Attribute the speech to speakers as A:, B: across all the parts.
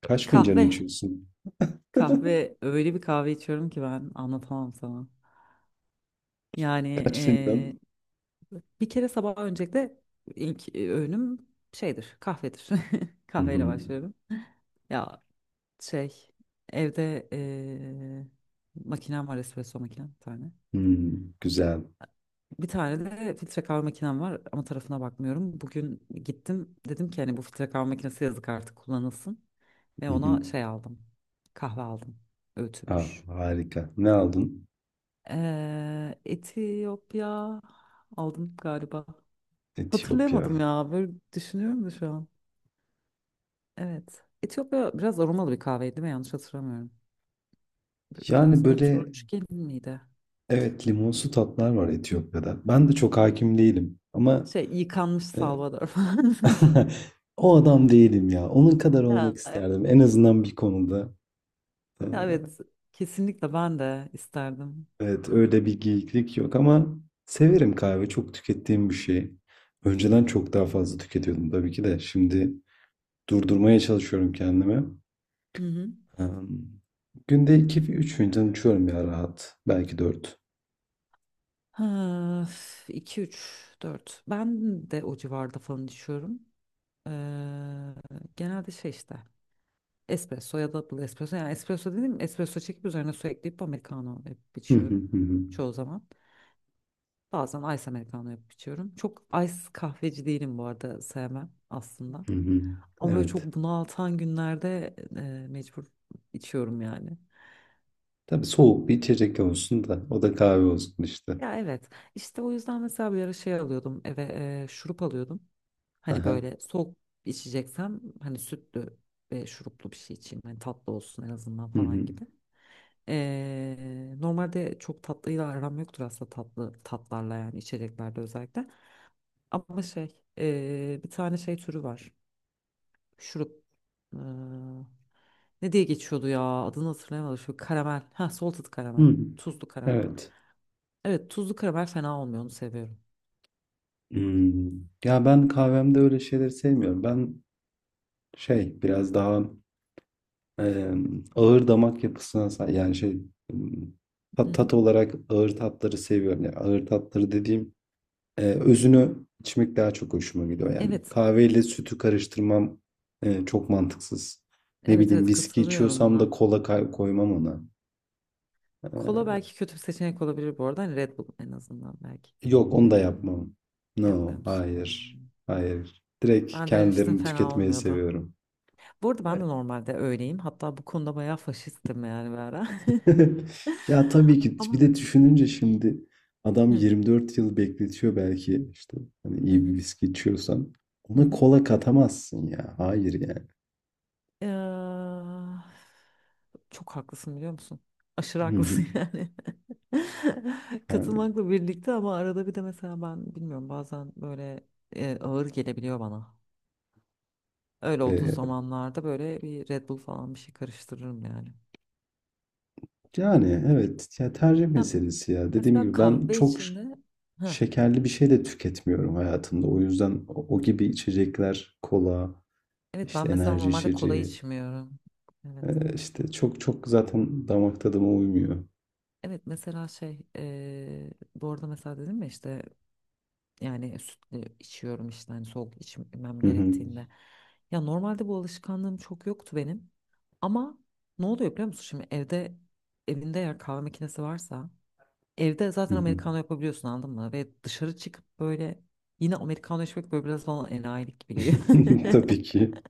A: Kaç fincan
B: Kahve.
A: içiyorsun?
B: Kahve. Öyle bir kahve içiyorum ki ben anlatamam sana. Yani
A: Kaç fincan?
B: bir kere sabah öncelikle ilk öğünüm şeydir, kahvedir.
A: Hı
B: Kahveyle
A: hı.
B: başlıyorum. Ya şey evde makinem var espresso makinem bir tane.
A: Hmm, güzel.
B: Bir tane de filtre kahve makinem var ama tarafına bakmıyorum. Bugün gittim dedim ki hani bu filtre kahve makinesi yazık artık kullanılsın. Ve
A: Hı hı.
B: ona şey aldım. Kahve aldım.
A: Ah,
B: Öğütülmüş.
A: harika. Ne aldın?
B: Etiyopya aldım galiba.
A: Etiyopya.
B: Hatırlayamadım ya. Böyle düşünüyorum da şu an. Evet. Etiyopya biraz aromalı bir kahveydi değil mi? Yanlış hatırlamıyorum.
A: Yani
B: Biraz böyle
A: böyle,
B: turunçgil miydi?
A: evet, limonsu tatlar var
B: Hı.
A: Etiyopya'da.
B: Hı
A: Ben
B: hı.
A: de çok hakim değilim ama
B: Şey yıkanmış
A: e,
B: Salvador falan.
A: o adam değilim ya. Onun kadar olmak
B: Ya, evet.
A: isterdim. En azından bir konuda. E,
B: Ya, evet. Kesinlikle ben de isterdim.
A: evet, öyle bir geyiklik yok ama severim kahve. Çok tükettiğim bir şey. Önceden çok daha fazla tüketiyordum tabii ki de. Şimdi durdurmaya çalışıyorum kendimi.
B: Hı hı.
A: Emm, Günde 2 üç fincan içiyorum ya, rahat. Belki 4.
B: Ha, üf, 2, 3, ben de o civarda falan düşüyorum. Ee, genelde şey işte. Espresso ya da double espresso. Yani espresso dedim espresso çekip üzerine su ekleyip americano yapıp
A: Hı hı,
B: içiyorum.
A: hı hı,
B: Çoğu zaman. Bazen ice americano yapıp içiyorum. Çok ice kahveci değilim bu arada sevmem aslında.
A: hı hı.
B: Ama böyle çok
A: Evet.
B: bunaltan günlerde mecbur içiyorum yani.
A: Tabii, soğuk bir içecek olsun da o da kahve olsun işte.
B: Ya, evet, işte o yüzden mesela bir ara şey alıyordum eve, şurup alıyordum. Hani
A: Aha.
B: böyle soğuk içeceksem hani sütlü ve şuruplu bir şey içeyim. Hani tatlı olsun en azından
A: Hı. Hı hı.
B: falan gibi. Normalde çok tatlıyla aram yoktur aslında tatlı tatlarla yani içeceklerde özellikle. Ama şey bir tane şey türü var. Şurup ee, ne diye geçiyordu ya adını hatırlayamadım. Şu karamel. Ha, salted karamel. Tuzlu karamel.
A: Evet.
B: Evet, tuzlu karamel fena olmuyor onu seviyorum.
A: Imm, ya ben kahvemde öyle şeyleri sevmiyorum. Ben şey biraz daha, ağır damak yapısına sa, yani şey, ımm,
B: Hı
A: ta
B: hı.
A: tat olarak ağır tatları seviyorum. Ya, ağır tatları dediğim özünü içmek daha çok hoşuma gidiyor yani.
B: Evet,
A: Kahveyle sütü karıştırmam çok mantıksız. Ne
B: evet
A: bileyim,
B: evet
A: viski
B: katılıyorum
A: içiyorsam da
B: buna.
A: kola koymam ona.
B: Kola
A: Ee,
B: belki kötü bir seçenek olabilir bu arada. Hani Red Bull en azından belki.
A: yok, onu
B: Ne
A: da
B: bileyim
A: yapmam.
B: yapmıyor
A: No,
B: musun?
A: hayır.
B: Hmm.
A: Hayır. Direkt
B: Ben denemiştim
A: kendilerini
B: fena
A: tüketmeyi
B: olmuyordu.
A: seviyorum.
B: Bu arada ben de normalde öyleyim. Hatta bu konuda bayağı faşistim yani bir ara.
A: Ya tabii ki, bir
B: Ama
A: de düşününce şimdi adam
B: hı
A: 24 yıl bekletiyor belki, işte hani
B: hı
A: iyi bir
B: hı.
A: viski içiyorsan.
B: hı hı.
A: Ona kola katamazsın ya. Hayır yani.
B: Eee, çok haklısın biliyor musun? Aşırı
A: Hı hı.
B: haklısın yani.
A: Yani,
B: Katılmakla birlikte ama arada bir de mesela ben bilmiyorum bazen böyle ağır gelebiliyor bana. Öyle olduğu
A: e,
B: zamanlarda böyle bir Red Bull falan bir şey karıştırırım yani.
A: Yani, evet, ya, tercih
B: Ya,
A: meselesi ya. Dediğim
B: mesela
A: gibi ben
B: kahve
A: çok
B: içinde ha
A: şekerli bir şey de tüketmiyorum hayatımda. O yüzden o gibi içecekler, kola,
B: evet
A: işte,
B: ben mesela
A: enerji
B: normalde kola
A: içeceği,
B: içmiyorum. Evet.
A: işte, çok çok zaten damak tadıma uymuyor.
B: Evet mesela şey bu arada mesela dedim ya işte yani sütlü içiyorum işte hani soğuk içmem
A: Hı hı.
B: gerektiğinde. Ya normalde bu alışkanlığım çok yoktu benim. Ama ne oluyor biliyor musun? Şimdi evde evinde eğer kahve makinesi varsa evde
A: Hı
B: zaten
A: hı.
B: americano yapabiliyorsun anladın mı? Ve dışarı çıkıp böyle yine americano içmek böyle biraz bana enayilik gibi geliyor.
A: Tabii ki.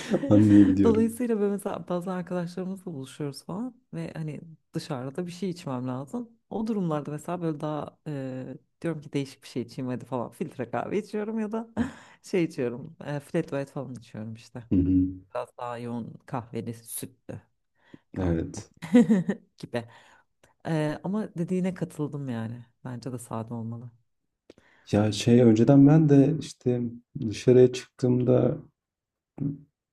A: Anlayabiliyorum.
B: Dolayısıyla böyle mesela bazen arkadaşlarımızla buluşuyoruz falan ve hani dışarıda bir şey içmem lazım. O durumlarda mesela böyle daha diyorum ki değişik bir şey içeyim hadi falan filtre kahve içiyorum ya da şey içiyorum flat white falan içiyorum işte.
A: Hı hı.
B: Biraz daha yoğun kahveli sütlü kahve
A: Evet.
B: gibi. E, ama dediğine katıldım yani. Bence de sade olmalı.
A: Ya, şey, önceden ben de, işte, dışarıya çıktığımda,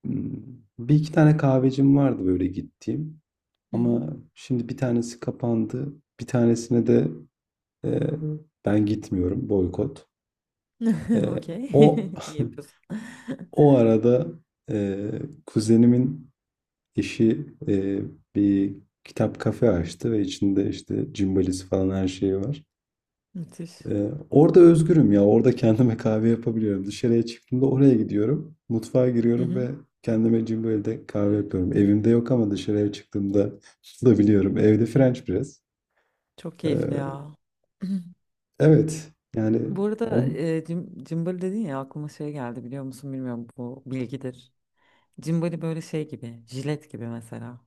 A: 1-2 tane kahvecim vardı böyle gittiğim.
B: Hı hı.
A: Ama şimdi bir tanesi kapandı. Bir tanesine de e, ben gitmiyorum. Boykot. E,
B: Okey.
A: o
B: İyi yapıyorsun.
A: o arada e, kuzenimin eşi bir kitap kafe açtı ve içinde işte cimbalisi falan her şeyi var.
B: Müthiş.
A: Orada özgürüm ya. Orada kendime kahve yapabiliyorum. Dışarıya çıktığımda oraya gidiyorum. Mutfağa
B: Hı
A: giriyorum ve
B: hı.
A: kendime cimbalide kahve yapıyorum. Evimde yok ama dışarıya çıktığımda bulabiliyorum. Evde French press.
B: Çok keyifli
A: E,
B: ya.
A: Evet, yani
B: Bu arada
A: on
B: cimbali dedin ya aklıma şey geldi biliyor musun bilmiyorum bu bilgidir. Cimbali böyle şey gibi jilet gibi mesela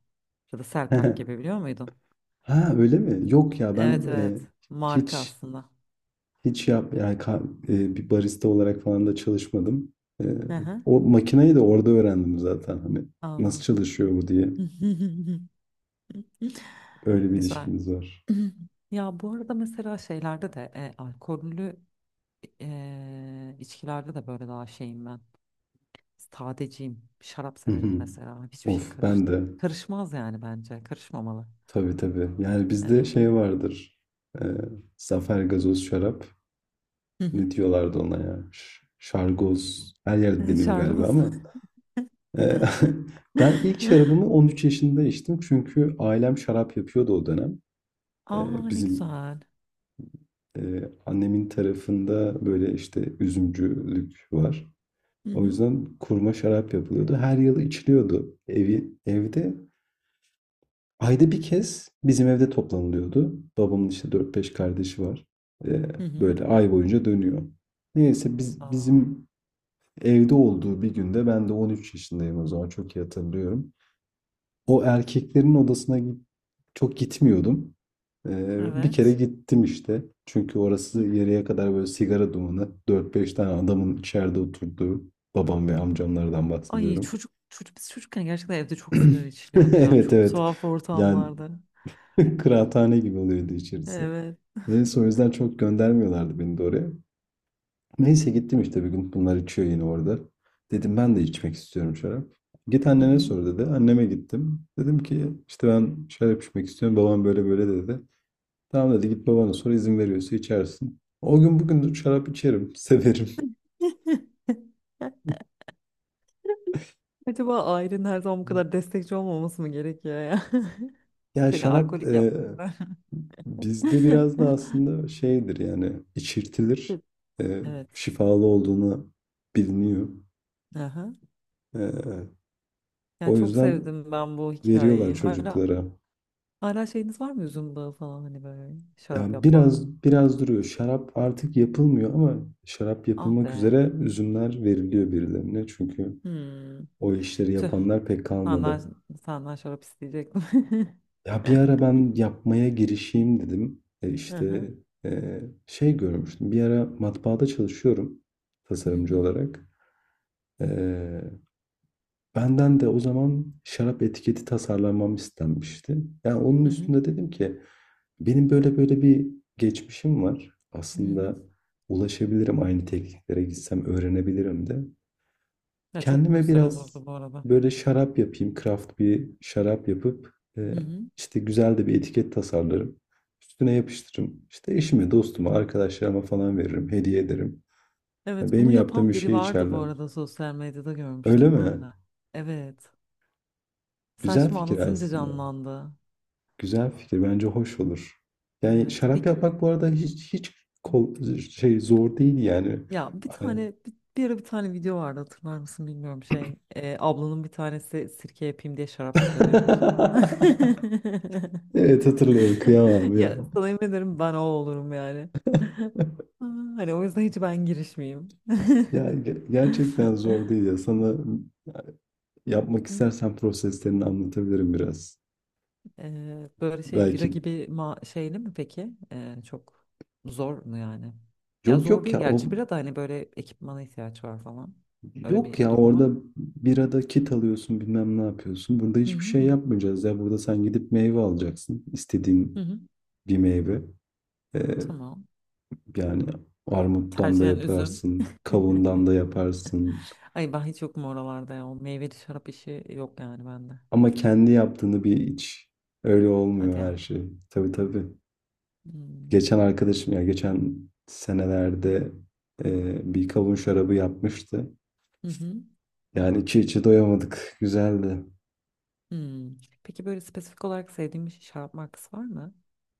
B: ya da Selpak gibi biliyor muydun?
A: ha, öyle mi? Yok ya ben,
B: Evet evet marka
A: hiç
B: aslında.
A: hiç yap yani ka bir barista olarak falan da çalışmadım. Eee,
B: Hı hı,
A: o makineyi de orada öğrendim zaten, hani nasıl
B: anladım.
A: çalışıyor bu diye. Öyle bir
B: Güzel.
A: ilişkimiz var.
B: Ya bu arada mesela şeylerde de alkollü içkilerde de böyle daha şeyim ben. Sadeciyim. Şarap
A: Hı
B: severim
A: hı.
B: mesela. Hiçbir şey
A: Of, ben de.
B: karışmaz yani bence. Karışmamalı.
A: Tabii tabii. Yani bizde
B: Evet.
A: şey vardır. Eee, zafer gazoz şarap. Ne diyorlardı ona ya? Şargoz. Her yerde deniyor galiba
B: Şarkımız.
A: ama. Eee, ben ilk şarabımı 13 yaşında içtim. Çünkü ailem şarap yapıyordu o dönem.
B: Aa, ne
A: Bizim
B: güzel.
A: annemin tarafında böyle işte üzümcülük var.
B: Hı
A: O
B: hı.
A: yüzden kurma şarap yapılıyordu. Her yıl içiliyordu evde. Ayda bir kez bizim evde toplanılıyordu. Babamın işte 4-5 kardeşi var. Eee,
B: Hı hı.
A: böyle ay boyunca dönüyor. Neyse,
B: Aa,
A: bizim evde olduğu bir günde ben de 13 yaşındayım o zaman, çok iyi hatırlıyorum. O erkeklerin odasına çok gitmiyordum. Bir kere
B: evet.
A: gittim işte. Çünkü orası yarıya kadar böyle sigara dumanı, 4-5 tane adamın içeride oturduğu. Babam ve amcamlardan
B: Ay,
A: bahsediyorum.
B: çocuk, çocuk biz çocukken gerçekten evde çok sigara içiliyordu ya.
A: Evet,
B: Çok
A: evet.
B: tuhaf
A: Yani
B: ortamlarda.
A: kıraathane gibi oluyordu içerisi.
B: Evet.
A: Neyse, o yüzden çok göndermiyorlardı beni de oraya. Neyse, gittim işte bir gün. Bunlar içiyor yine orada. Dedim, ben de içmek istiyorum şarap. Git
B: Hı
A: annene
B: hı.
A: sor dedi. Anneme gittim. Dedim ki işte ben şarap içmek istiyorum, babam böyle böyle dedi. Tamam dedi, git babana sor, izin veriyorsa içersin. O gün bugün şarap içerim. Severim.
B: Acaba ailenin her zaman bu kadar destekçi olmaması mı gerekiyor ya?
A: Ya,
B: Seni
A: şarap
B: alkolik yapmaları.
A: bizde biraz da aslında şeydir yani, içirtilir. E,
B: Evet.
A: şifalı olduğunu biliniyor.
B: Aha.
A: E,
B: Ya
A: o
B: çok
A: yüzden
B: sevdim ben bu
A: veriyorlar
B: hikayeyi. Hala
A: çocuklara.
B: hala şeyiniz var mı üzüm bağı falan hani böyle şarap
A: Yani
B: yapma.
A: biraz biraz duruyor.
B: Şey.
A: Şarap artık yapılmıyor ama şarap
B: Ah
A: yapılmak
B: be.
A: üzere üzümler veriliyor birilerine. Çünkü
B: Hmm.
A: o işleri
B: Tüh,
A: yapanlar pek
B: senden,
A: kalmadı.
B: senden şarap isteyecektim.
A: Ya, bir ara ben yapmaya girişeyim dedim.
B: Hı hı.
A: İşte, e, şey görmüştüm. Bir ara matbaada çalışıyorum,
B: Hı
A: tasarımcı
B: hı.
A: olarak. E, Benden de o zaman şarap etiketi tasarlamam istenmişti. Yani onun
B: Hı hı.
A: üstünde dedim ki, benim böyle böyle bir geçmişim var.
B: Hı hı.
A: Aslında ulaşabilirim, aynı tekniklere gitsem öğrenebilirim de.
B: Ya çok
A: Kendime
B: güzel
A: biraz
B: olurdu bu arada.
A: böyle şarap yapayım, craft bir şarap yapıp
B: Hı hı.
A: işte güzel de bir etiket tasarlarım. Üstüne yapıştırırım. İşte eşime, dostuma, arkadaşlarıma falan veririm. Hediye ederim. Yani
B: Evet,
A: benim
B: bunu
A: yaptığım
B: yapan
A: bir
B: biri
A: şey
B: vardı bu
A: içerler.
B: arada sosyal medyada
A: Öyle
B: görmüştüm
A: mi?
B: ben de. Evet. Sen
A: Güzel
B: şimdi
A: fikir
B: anlatınca
A: aslında.
B: canlandı.
A: Güzel fikir. Bence hoş olur. Yani
B: Evet.
A: şarap
B: Peki
A: yapmak bu arada hiç hiç kol, şey zor değil yani.
B: ya bir
A: Hani-
B: tane bir, bir ara bir tane video vardı hatırlar mısın bilmiyorum şey. Ablanın bir tanesi sirke yapayım diye şarap yapıyordu yanlışlıkla.
A: evet, hatırlıyorum. Kıyamam ya.
B: Ya sana yemin ederim ben o olurum yani. Aa, hani o yüzden hiç ben girişmeyeyim.
A: Ya, gerçekten zor değil ya. Sana, yapmak istersen, proseslerini anlatabilirim biraz.
B: Böyle şey bira
A: Belki
B: gibi ma şeyli mi peki? Çok zor mu yani? Ya
A: yok
B: zor
A: yok
B: değil
A: ya o
B: gerçi bira da hani böyle ekipmana ihtiyaç var falan. Öyle
A: yok
B: bir
A: ya
B: durum var
A: orada
B: mı?
A: birada kit alıyorsun, bilmem ne yapıyorsun. Burada
B: Hı
A: hiçbir
B: hı
A: şey
B: hı.
A: yapmayacağız ya. Burada sen gidip meyve alacaksın, istediğin
B: Hı
A: bir meyve.
B: Tamam.
A: Yani armuttan da
B: Tercihen üzüm.
A: yaparsın, kavundan da yaparsın.
B: Ay ben hiç yokum oralarda ya. O meyveli şarap işi yok yani bende.
A: Ama kendi yaptığını bir iç. Öyle olmuyor
B: Hadi ya.
A: her şey. Tabii tabii.
B: Hmm.
A: Geçen arkadaşım ya, geçen senelerde bir kavun şarabı yapmıştı.
B: Hı hı.
A: Yani içi içi doyamadık. Güzeldi.
B: Hmm. Peki böyle spesifik olarak sevdiğin bir şarap markası var mı?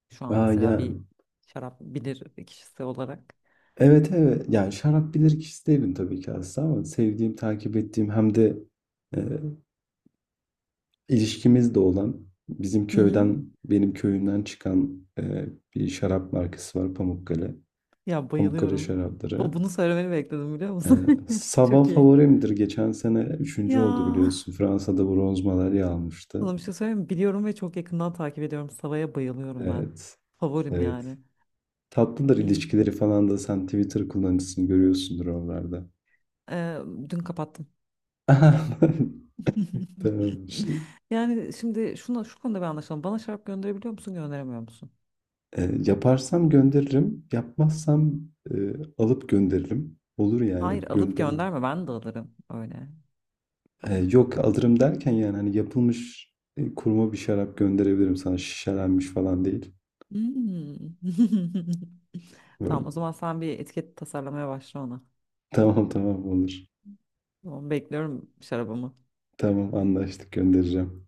B: Şu an
A: Aa,
B: mesela
A: yani.
B: bir şarap bilir kişisi olarak.
A: Evet, evet. Yani şarap bilirkişisi değilim tabii ki aslında, ama sevdiğim, takip ettiğim, hem de e, İlişkimiz de olan, bizim
B: Hı hı.
A: köyden, benim köyümden çıkan bir şarap markası var, Pamukkale.
B: Ya
A: Pamukkale
B: bayılıyorum.
A: şarapları.
B: Bunu söylemeni bekledim biliyor
A: E,
B: musun?
A: Sava
B: Çok iyi.
A: favorimdir. Geçen sene üçüncü
B: Ya
A: oldu biliyorsun. Fransa'da bronz madalya
B: sana
A: almıştı.
B: bir şey söyleyeyim mi? Biliyorum ve çok yakından takip ediyorum. Sava'ya bayılıyorum ben.
A: Evet,
B: Favorim
A: evet.
B: yani.
A: Tatlıdır
B: Hı.
A: ilişkileri falan da, sen Twitter kullanıcısını görüyorsundur oralarda.
B: Ee, dün kapattım.
A: Tamam.
B: Yani şimdi şu konuda bir anlaşalım. Bana şarap gönderebiliyor musun, gönderemiyor musun?
A: Yaparsam gönderirim. Yapmazsam e, alıp gönderirim. Olur
B: Hayır,
A: yani,
B: alıp
A: gönderin.
B: gönderme. Ben de alırım öyle. Tamam.
A: Yok, alırım derken yani, hani yapılmış kurma bir şarap gönderebilirim sana, şişelenmiş falan değil.
B: Hmm.
A: Böyle,
B: Tamam, o zaman sen bir etiket tasarlamaya başla ona.
A: tamam tamam olur.
B: Tamam, bekliyorum şarabımı.
A: Tamam, anlaştık, göndereceğim.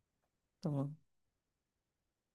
B: Tamam.